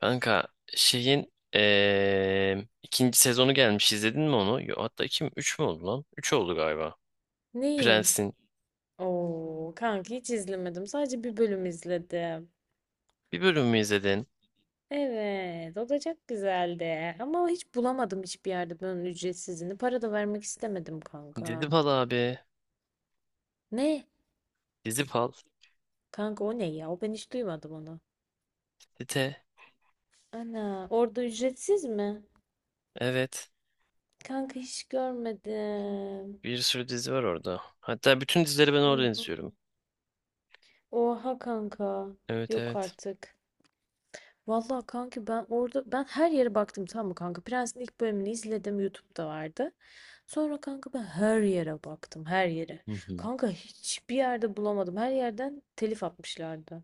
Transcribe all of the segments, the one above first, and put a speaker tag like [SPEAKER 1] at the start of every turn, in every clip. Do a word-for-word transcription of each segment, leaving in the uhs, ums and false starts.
[SPEAKER 1] Kanka şeyin eee, ikinci sezonu gelmiş, izledin mi onu? Yo, hatta iki mi? Üç mü oldu lan? Üç oldu galiba.
[SPEAKER 2] Neyin?
[SPEAKER 1] Prens'in
[SPEAKER 2] Oo, kanka hiç izlemedim. Sadece bir bölüm izledim.
[SPEAKER 1] bir bölümü izledin.
[SPEAKER 2] Evet, o da çok güzeldi. Ama hiç bulamadım hiçbir yerde bunun ücretsizini. Para da vermek istemedim kanka.
[SPEAKER 1] Dizipal abi.
[SPEAKER 2] Ne?
[SPEAKER 1] Dizipal.
[SPEAKER 2] Kanka o ne ya? O ben hiç duymadım onu.
[SPEAKER 1] Dite.
[SPEAKER 2] Ana, orada ücretsiz mi?
[SPEAKER 1] Evet.
[SPEAKER 2] Kanka hiç görmedim.
[SPEAKER 1] Bir sürü dizi var orada. Hatta bütün dizileri ben
[SPEAKER 2] Hı
[SPEAKER 1] oradan
[SPEAKER 2] hı.
[SPEAKER 1] izliyorum.
[SPEAKER 2] Oha kanka.
[SPEAKER 1] Evet,
[SPEAKER 2] Yok
[SPEAKER 1] evet.
[SPEAKER 2] artık. Vallahi kanka ben orada ben her yere baktım tamam mı kanka? Prens'in ilk bölümünü izledim, YouTube'da vardı. Sonra kanka ben her yere baktım, her yere.
[SPEAKER 1] Hı hı.
[SPEAKER 2] Kanka hiçbir yerde bulamadım. Her yerden telif atmışlardı.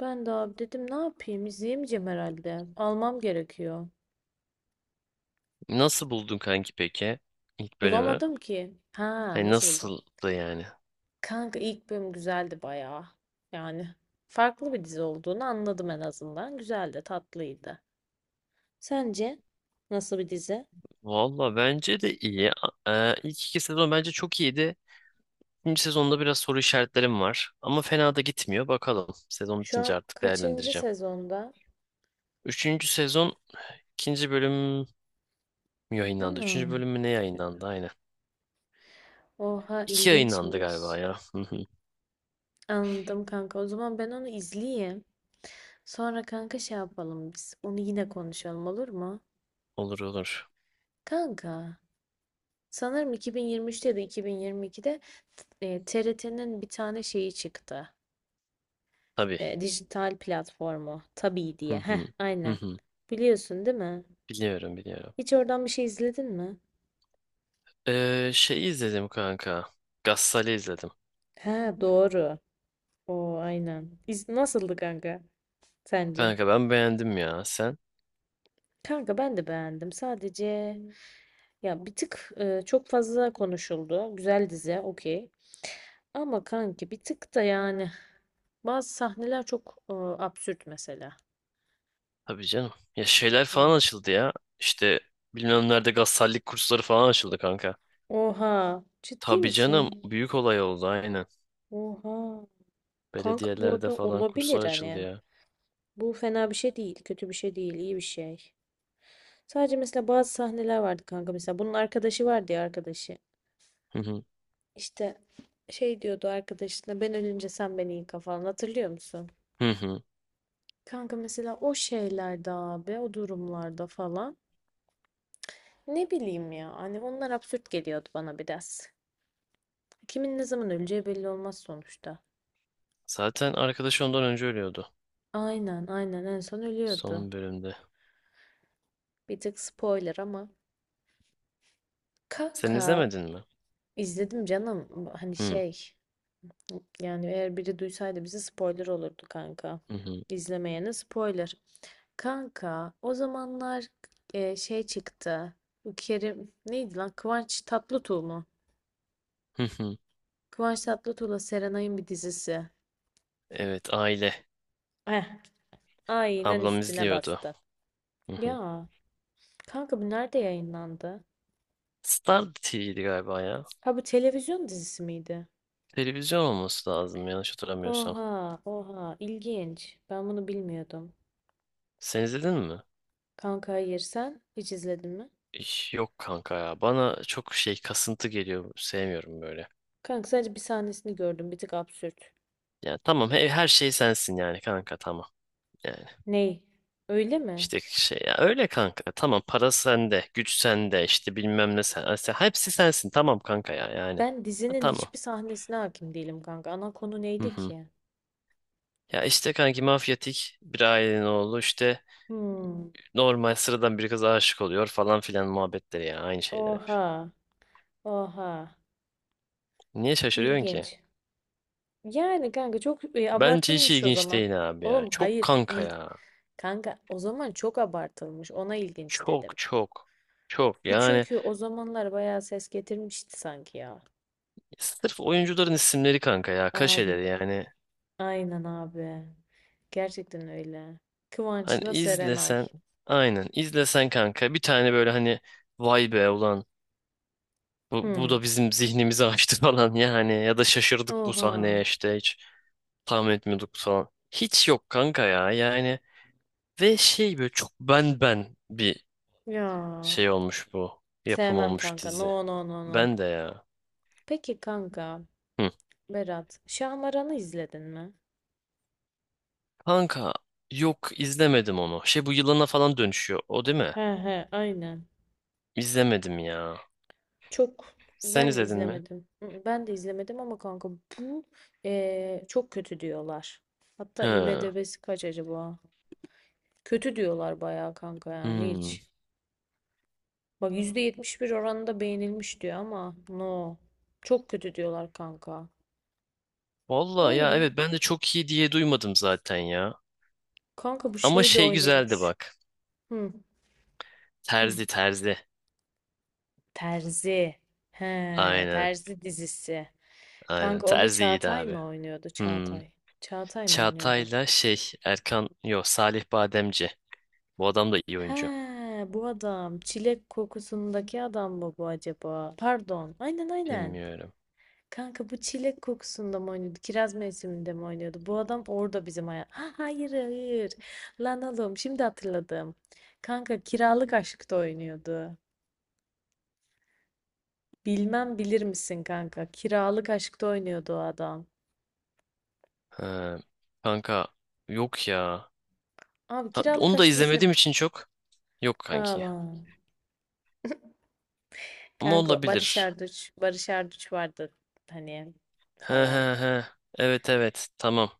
[SPEAKER 2] Ben de abi dedim ne yapayım? İzleyemeyeceğim herhalde. Almam gerekiyor.
[SPEAKER 1] Nasıl buldun kanki peki? ilk bölümü.
[SPEAKER 2] Bulamadım ki. Ha,
[SPEAKER 1] Hani
[SPEAKER 2] nasıl buldum?
[SPEAKER 1] nasıldı yani?
[SPEAKER 2] Kanka ilk bölüm güzeldi bayağı. Yani farklı bir dizi olduğunu anladım en azından. Güzeldi, tatlıydı. Sence nasıl bir dizi?
[SPEAKER 1] Valla bence de iyi. A- e, ilk iki sezon bence çok iyiydi. İkinci sezonda biraz soru işaretlerim var. Ama fena da gitmiyor. Bakalım. Sezon
[SPEAKER 2] Şu
[SPEAKER 1] bitince
[SPEAKER 2] an
[SPEAKER 1] artık
[SPEAKER 2] kaçıncı
[SPEAKER 1] değerlendireceğim.
[SPEAKER 2] sezonda?
[SPEAKER 1] Üçüncü sezon ikinci bölüm mü yayınlandı? Üçüncü
[SPEAKER 2] Ana.
[SPEAKER 1] bölüm mü ne yayınlandı? Aynen.
[SPEAKER 2] Oha,
[SPEAKER 1] İki yayınlandı
[SPEAKER 2] ilginçmiş.
[SPEAKER 1] galiba ya. Hı hı.
[SPEAKER 2] Anladım kanka. O zaman ben onu izleyeyim. Sonra kanka şey yapalım biz. Onu yine konuşalım, olur mu?
[SPEAKER 1] Olur olur.
[SPEAKER 2] Kanka, sanırım iki bin yirmi üçte ya da iki bin yirmi ikide e, T R T'nin bir tane şeyi çıktı.
[SPEAKER 1] Tabii.
[SPEAKER 2] E, dijital platformu. Tabii
[SPEAKER 1] Hı
[SPEAKER 2] diye. Heh,
[SPEAKER 1] hı. Hı
[SPEAKER 2] aynen.
[SPEAKER 1] hı.
[SPEAKER 2] Biliyorsun değil mi?
[SPEAKER 1] Biliyorum, biliyorum.
[SPEAKER 2] Hiç oradan bir şey izledin mi?
[SPEAKER 1] Ee, şey izledim kanka. Gassal'i izledim.
[SPEAKER 2] Ha, doğru. O aynen. İz nasıldı kanka sence?
[SPEAKER 1] Kanka ben beğendim ya. Sen?
[SPEAKER 2] Kanka ben de beğendim. Sadece ya bir tık e, çok fazla konuşuldu. Güzel dizi, okey. Ama kanki bir tık da yani bazı sahneler çok e, absürt mesela.
[SPEAKER 1] Tabii canım. Ya şeyler
[SPEAKER 2] Yani.
[SPEAKER 1] falan açıldı ya. İşte bilmem nerede gassallik kursları falan açıldı kanka.
[SPEAKER 2] Oha, ciddi
[SPEAKER 1] Tabii
[SPEAKER 2] misin?
[SPEAKER 1] canım. Büyük olay oldu, aynen.
[SPEAKER 2] Oha. Kanka bu
[SPEAKER 1] Belediyelerde
[SPEAKER 2] arada
[SPEAKER 1] falan
[SPEAKER 2] olabilir
[SPEAKER 1] kurslar açıldı
[SPEAKER 2] hani.
[SPEAKER 1] ya.
[SPEAKER 2] Bu fena bir şey değil, kötü bir şey değil, iyi bir şey. Sadece mesela bazı sahneler vardı kanka mesela. Bunun arkadaşı vardı ya, arkadaşı.
[SPEAKER 1] Hı hı.
[SPEAKER 2] İşte şey diyordu arkadaşına, ben ölünce sen beni yıka falan, hatırlıyor musun?
[SPEAKER 1] Hı hı.
[SPEAKER 2] Kanka mesela o şeylerde abi, o durumlarda falan. Ne bileyim ya, hani onlar absürt geliyordu bana biraz. Kimin ne zaman öleceği belli olmaz sonuçta.
[SPEAKER 1] Zaten arkadaşı ondan önce ölüyordu.
[SPEAKER 2] Aynen aynen, en son ölüyordu.
[SPEAKER 1] Son bölümde.
[SPEAKER 2] Bir tık spoiler ama.
[SPEAKER 1] Sen
[SPEAKER 2] Kaka,
[SPEAKER 1] izlemedin mi?
[SPEAKER 2] izledim canım. Hani
[SPEAKER 1] Hı
[SPEAKER 2] şey, yani eğer biri duysaydı bize spoiler olurdu kanka.
[SPEAKER 1] hı hı.
[SPEAKER 2] İzlemeyene spoiler. Kanka o zamanlar e, şey çıktı. Bu Kerim neydi lan? Kıvanç Tatlıtuğ mu?
[SPEAKER 1] Hı hı.
[SPEAKER 2] Kıvanç Tatlıtuğ'la Serenay'ın bir dizisi.
[SPEAKER 1] Evet, aile.
[SPEAKER 2] Eh, aynen
[SPEAKER 1] Ablam
[SPEAKER 2] üstüne
[SPEAKER 1] izliyordu.
[SPEAKER 2] bastı.
[SPEAKER 1] Hı hı.
[SPEAKER 2] Ya kanka, bu nerede yayınlandı?
[SPEAKER 1] Star T V'ydi galiba ya.
[SPEAKER 2] Ha, bu televizyon dizisi miydi?
[SPEAKER 1] Televizyon olması lazım, yanlış hatırlamıyorsam.
[SPEAKER 2] Oha, oha, ilginç. Ben bunu bilmiyordum.
[SPEAKER 1] Sen izledin mi?
[SPEAKER 2] Kanka hayır, sen hiç izledin mi?
[SPEAKER 1] İş- Yok kanka ya. Bana çok şey kasıntı geliyor. Sevmiyorum böyle.
[SPEAKER 2] Kanka sadece bir sahnesini gördüm, bir tık absürt.
[SPEAKER 1] Yani tamam, he- her şey sensin yani kanka, tamam. Yani
[SPEAKER 2] Ney? Öyle mi?
[SPEAKER 1] İşte şey ya, öyle kanka, tamam, para sende, güç sende, işte bilmem ne sen, sen- hepsi sensin, tamam kanka ya yani.
[SPEAKER 2] Ben
[SPEAKER 1] Ha,
[SPEAKER 2] dizinin
[SPEAKER 1] tamam.
[SPEAKER 2] hiçbir sahnesine hakim değilim kanka. Ana konu
[SPEAKER 1] Hı
[SPEAKER 2] neydi
[SPEAKER 1] hı.
[SPEAKER 2] ki?
[SPEAKER 1] Ya işte kanki, mafyatik bir ailenin oğlu, işte
[SPEAKER 2] Hmm.
[SPEAKER 1] normal sıradan bir kıza aşık oluyor falan filan, muhabbetleri ya, aynı şeyler hep.
[SPEAKER 2] Oha, oha,
[SPEAKER 1] Niye şaşırıyorsun ki?
[SPEAKER 2] ilginç. Yani kanka çok e,
[SPEAKER 1] Bence hiç
[SPEAKER 2] abartılmış o
[SPEAKER 1] ilginç
[SPEAKER 2] zaman.
[SPEAKER 1] değil abi ya.
[SPEAKER 2] Oğlum
[SPEAKER 1] Çok
[SPEAKER 2] hayır,
[SPEAKER 1] kanka
[SPEAKER 2] il
[SPEAKER 1] ya.
[SPEAKER 2] kanka o zaman çok abartılmış. Ona ilginç dedim.
[SPEAKER 1] Çok çok. Çok
[SPEAKER 2] Bu
[SPEAKER 1] yani,
[SPEAKER 2] çünkü o zamanlar bayağı ses getirmişti sanki ya.
[SPEAKER 1] sırf oyuncuların isimleri kanka ya,
[SPEAKER 2] Abi,
[SPEAKER 1] kaşeleri yani.
[SPEAKER 2] aynen abi. Gerçekten öyle.
[SPEAKER 1] Hani
[SPEAKER 2] Kıvanç'la Serenay.
[SPEAKER 1] izlesen, aynen izlesen kanka bir tane, böyle hani vay be ulan, bu, bu
[SPEAKER 2] Hmm.
[SPEAKER 1] da bizim zihnimizi açtı falan, yani ya da şaşırdık bu
[SPEAKER 2] Oha.
[SPEAKER 1] sahneye, işte hiç tahmin etmiyorduk falan. Hiç yok kanka ya yani. Ve şey böyle çok, ben ben bir
[SPEAKER 2] Ya.
[SPEAKER 1] şey olmuş, bu yapım
[SPEAKER 2] Sevmem
[SPEAKER 1] olmuş
[SPEAKER 2] kanka.
[SPEAKER 1] dizi.
[SPEAKER 2] No no no no.
[SPEAKER 1] Ben de ya.
[SPEAKER 2] Peki kanka.
[SPEAKER 1] Hı.
[SPEAKER 2] Berat, Şahmaran'ı izledin mi?
[SPEAKER 1] Kanka yok, izlemedim onu. Şey, bu yılana falan dönüşüyor o, değil mi?
[SPEAKER 2] He he, aynen.
[SPEAKER 1] İzlemedim ya.
[SPEAKER 2] Çok.
[SPEAKER 1] Sen
[SPEAKER 2] Ben de
[SPEAKER 1] izledin mi?
[SPEAKER 2] izlemedim. Mm, Ben de izlemedim ama kanka bu eee, çok kötü diyorlar. Hatta
[SPEAKER 1] He.
[SPEAKER 2] I M D B'si kaç acaba? Kötü diyorlar bayağı kanka, yani
[SPEAKER 1] Hmm.
[SPEAKER 2] hiç. Bak, yüzde yetmiş bir oranında beğenilmiş diyor ama no. Çok kötü diyorlar kanka.
[SPEAKER 1] Valla
[SPEAKER 2] Vay
[SPEAKER 1] ya,
[SPEAKER 2] be.
[SPEAKER 1] evet, ben de çok iyi diye duymadım zaten ya.
[SPEAKER 2] Kanka bu
[SPEAKER 1] Ama
[SPEAKER 2] şey de
[SPEAKER 1] şey güzeldi
[SPEAKER 2] oynuyormuş.
[SPEAKER 1] bak.
[SPEAKER 2] Hı, hı.
[SPEAKER 1] Terzi terzi.
[SPEAKER 2] Terzi. He,
[SPEAKER 1] Aynen
[SPEAKER 2] Terzi dizisi.
[SPEAKER 1] aynen,
[SPEAKER 2] Kanka onda
[SPEAKER 1] terzi iyiydi
[SPEAKER 2] Çağatay
[SPEAKER 1] abi.
[SPEAKER 2] mı oynuyordu?
[SPEAKER 1] Hmm.
[SPEAKER 2] Çağatay. Çağatay mı oynuyordu?
[SPEAKER 1] Çağatay'la şey, Erkan, yok, Salih Bademci. Bu adam da iyi
[SPEAKER 2] He,
[SPEAKER 1] oyuncu.
[SPEAKER 2] bu adam. Çilek kokusundaki adam mı bu acaba? Pardon. Aynen aynen.
[SPEAKER 1] Bilmiyorum.
[SPEAKER 2] Kanka bu çilek kokusunda mı oynuyordu? Kiraz mevsiminde mi oynuyordu? Bu adam orada bizim hayat. Ha, hayır hayır. Lan oğlum, şimdi hatırladım. Kanka, kiralık aşkta oynuyordu. Bilmem bilir misin kanka? Kiralık aşkta oynuyordu o adam.
[SPEAKER 1] Ha, kanka, yok ya.
[SPEAKER 2] Abi,
[SPEAKER 1] Ha,
[SPEAKER 2] kiralık
[SPEAKER 1] onu da
[SPEAKER 2] aşkı
[SPEAKER 1] izlemediğim
[SPEAKER 2] izleme.
[SPEAKER 1] için çok. Yok kanki.
[SPEAKER 2] Aman.
[SPEAKER 1] Ama
[SPEAKER 2] Kanka Barış
[SPEAKER 1] olabilir.
[SPEAKER 2] Arduç. Barış Arduç vardı. Hani
[SPEAKER 1] He he
[SPEAKER 2] falan.
[SPEAKER 1] he. Evet, evet, tamam.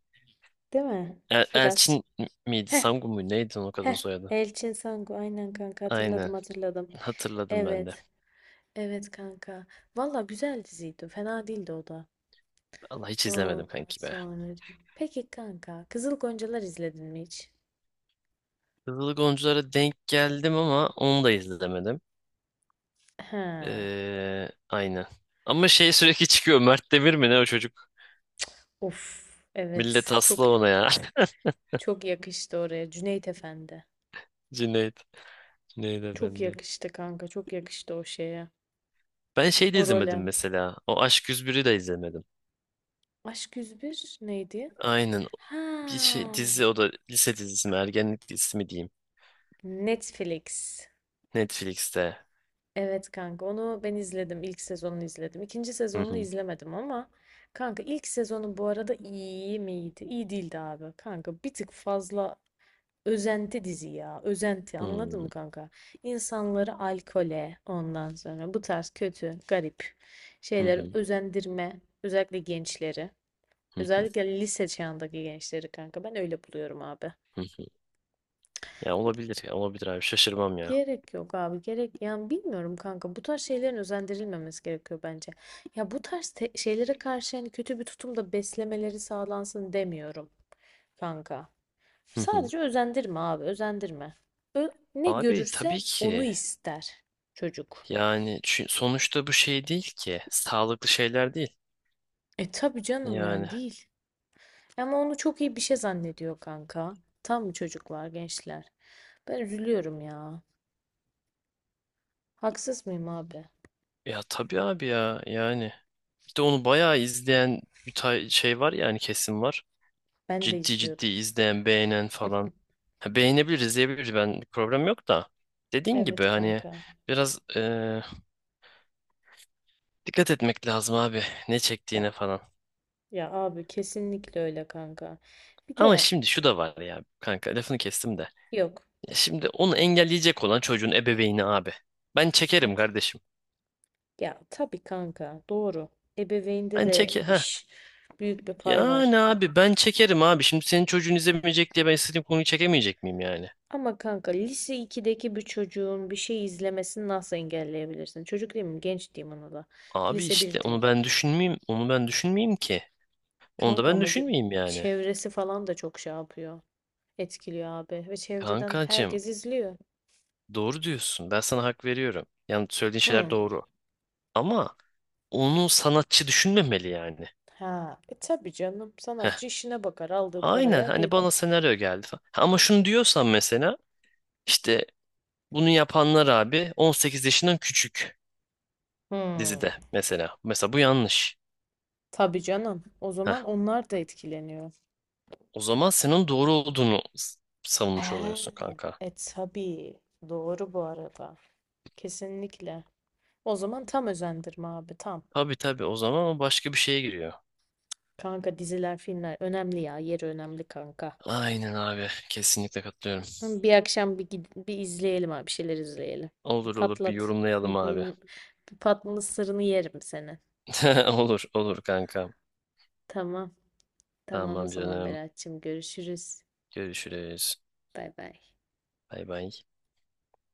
[SPEAKER 2] Değil mi?
[SPEAKER 1] El-
[SPEAKER 2] Biraz.
[SPEAKER 1] Elçin miydi?
[SPEAKER 2] Heh
[SPEAKER 1] Sangu muydu? Neydi o kadın
[SPEAKER 2] heh.
[SPEAKER 1] soyadı?
[SPEAKER 2] Elçin Sangu. Aynen kanka, hatırladım
[SPEAKER 1] Aynen.
[SPEAKER 2] hatırladım.
[SPEAKER 1] Hatırladım ben de.
[SPEAKER 2] Evet. Evet kanka. Valla güzel diziydi. Fena değildi o da.
[SPEAKER 1] Allah, hiç izlemedim
[SPEAKER 2] Ondan
[SPEAKER 1] kanki be.
[SPEAKER 2] sonra. Peki kanka. Kızıl Goncalar izledin mi hiç?
[SPEAKER 1] Kızıl Goncalara denk geldim ama onu da izlemedim.
[SPEAKER 2] Ha.
[SPEAKER 1] Ee, aynen. Ama şey, sürekli çıkıyor. Mert Demir mi ne o çocuk?
[SPEAKER 2] Of.
[SPEAKER 1] Millet
[SPEAKER 2] Evet. Çok
[SPEAKER 1] aslı ona ya.
[SPEAKER 2] çok yakıştı oraya. Cüneyt Efendi.
[SPEAKER 1] Cüneyt. Cüneyt
[SPEAKER 2] Çok
[SPEAKER 1] Efendi.
[SPEAKER 2] yakıştı kanka. Çok yakıştı o şeye.
[SPEAKER 1] Ben şey de
[SPEAKER 2] O role.
[SPEAKER 1] izlemedim mesela. O Aşk yüz biri de izlemedim.
[SPEAKER 2] Aşk yüz bir neydi?
[SPEAKER 1] Aynen.
[SPEAKER 2] Ha.
[SPEAKER 1] Bir şey, dizi o da, lise dizisi mi ergenlik dizisi mi diyeyim.
[SPEAKER 2] Netflix.
[SPEAKER 1] Netflix'te.
[SPEAKER 2] Evet kanka, onu ben izledim. İlk sezonunu izledim. İkinci
[SPEAKER 1] Hı
[SPEAKER 2] sezonunu
[SPEAKER 1] hı.
[SPEAKER 2] izlemedim ama kanka, ilk sezonu bu arada iyi miydi? İyi değildi abi. Kanka bir tık fazla özenti dizi ya. Özenti,
[SPEAKER 1] Hı
[SPEAKER 2] anladın
[SPEAKER 1] hı.
[SPEAKER 2] mı kanka? İnsanları alkole, ondan sonra bu tarz kötü, garip
[SPEAKER 1] Hı
[SPEAKER 2] şeyleri
[SPEAKER 1] hı.
[SPEAKER 2] özendirme. Özellikle gençleri.
[SPEAKER 1] Hı
[SPEAKER 2] Özellikle lise çağındaki gençleri kanka. Ben öyle buluyorum abi.
[SPEAKER 1] hı. Ya olabilir, ya olabilir abi, şaşırmam ya.
[SPEAKER 2] Gerek yok abi, gerek, yani bilmiyorum kanka, bu tarz şeylerin özendirilmemesi gerekiyor bence. Ya bu tarz te- şeylere karşı yani kötü bir tutumda beslemeleri sağlansın demiyorum kanka.
[SPEAKER 1] Hı hı.
[SPEAKER 2] Sadece özendirme abi, özendirme. Ö- ne
[SPEAKER 1] Abi tabii
[SPEAKER 2] görürse onu
[SPEAKER 1] ki.
[SPEAKER 2] ister çocuk.
[SPEAKER 1] Yani çü- sonuçta bu şey değil ki. Sağlıklı şeyler değil.
[SPEAKER 2] E tabii canım,
[SPEAKER 1] Yani
[SPEAKER 2] yani değil. Ama onu çok iyi bir şey zannediyor kanka. Tam çocuklar, gençler? Ben üzülüyorum ya. Haksız mıyım abi?
[SPEAKER 1] ya tabii abi ya yani, bir de onu bayağı izleyen bir tay- şey var yani, kesim var.
[SPEAKER 2] Ben de
[SPEAKER 1] Ciddi ciddi
[SPEAKER 2] izliyordum.
[SPEAKER 1] izleyen, beğenen falan. Ha, beğenebilir, izleyebilir, ben problem yok da. Dediğin gibi
[SPEAKER 2] Evet
[SPEAKER 1] hani
[SPEAKER 2] kanka.
[SPEAKER 1] biraz e, dikkat etmek lazım abi, ne
[SPEAKER 2] Ya
[SPEAKER 1] çektiğine falan.
[SPEAKER 2] Ya abi, kesinlikle öyle kanka. Bir
[SPEAKER 1] Ama
[SPEAKER 2] de
[SPEAKER 1] şimdi şu da var ya kanka, lafını kestim de.
[SPEAKER 2] yok.
[SPEAKER 1] Ya şimdi onu engelleyecek olan çocuğun ebeveyni abi. Ben çekerim
[SPEAKER 2] et-
[SPEAKER 1] kardeşim.
[SPEAKER 2] Ya tabii kanka, doğru. Ebeveynde
[SPEAKER 1] Ben
[SPEAKER 2] de
[SPEAKER 1] çekerim.
[SPEAKER 2] iş, büyük bir pay
[SPEAKER 1] Yani
[SPEAKER 2] var.
[SPEAKER 1] abi ben çekerim abi. Şimdi senin çocuğun izlemeyecek diye ben istediğim konuyu çekemeyecek miyim yani?
[SPEAKER 2] Ama kanka, lise ikideki bir çocuğun bir şey izlemesini nasıl engelleyebilirsin? Çocuk değil mi? Genç diyeyim ona da.
[SPEAKER 1] Abi
[SPEAKER 2] Lise
[SPEAKER 1] işte
[SPEAKER 2] bir diyeyim.
[SPEAKER 1] onu ben düşünmeyeyim. Onu ben düşünmeyeyim ki. Onu da
[SPEAKER 2] Kanka
[SPEAKER 1] ben
[SPEAKER 2] ama ge-
[SPEAKER 1] düşünmeyeyim yani.
[SPEAKER 2] çevresi falan da çok şey yapıyor. Etkiliyor abi. Ve çevreden
[SPEAKER 1] Kankacığım
[SPEAKER 2] herkes izliyor.
[SPEAKER 1] doğru diyorsun. Ben sana hak veriyorum. Yani söylediğin şeyler
[SPEAKER 2] Hı.
[SPEAKER 1] doğru. Ama onu sanatçı düşünmemeli yani.
[SPEAKER 2] Ha. E tabii canım.
[SPEAKER 1] Heh.
[SPEAKER 2] Sanatçı işine bakar. Aldığı
[SPEAKER 1] Aynen,
[SPEAKER 2] paraya gel.
[SPEAKER 1] hani bana senaryo geldi falan. Ha, ama şunu diyorsan mesela, işte bunu yapanlar abi on sekiz yaşından küçük
[SPEAKER 2] Hı.
[SPEAKER 1] dizide mesela. Mesela bu yanlış.
[SPEAKER 2] Tabii canım. O
[SPEAKER 1] Heh.
[SPEAKER 2] zaman onlar da etkileniyor.
[SPEAKER 1] O zaman senin doğru olduğunu s- savunmuş
[SPEAKER 2] He,
[SPEAKER 1] oluyorsun kanka.
[SPEAKER 2] e tabii. Doğru bu arada. Kesinlikle. O zaman tam özendirme abi, tam.
[SPEAKER 1] Tabii tabii, o zaman o başka bir şeye giriyor.
[SPEAKER 2] Kanka diziler, filmler önemli ya. Yeri önemli kanka.
[SPEAKER 1] Aynen abi, kesinlikle katılıyorum.
[SPEAKER 2] Hı, bir akşam bir, gid- bir izleyelim abi. Bir şeyler izleyelim. Bir
[SPEAKER 1] Olur olur, bir
[SPEAKER 2] patlat. Hı,
[SPEAKER 1] yorumlayalım abi.
[SPEAKER 2] hı. Bir patlı sırrını yerim seni.
[SPEAKER 1] Olur olur kanka.
[SPEAKER 2] Tamam. Tamam o
[SPEAKER 1] Tamam
[SPEAKER 2] zaman
[SPEAKER 1] canım.
[SPEAKER 2] Berat'cığım, görüşürüz.
[SPEAKER 1] Görüşürüz.
[SPEAKER 2] Bay bay.
[SPEAKER 1] Bay bay.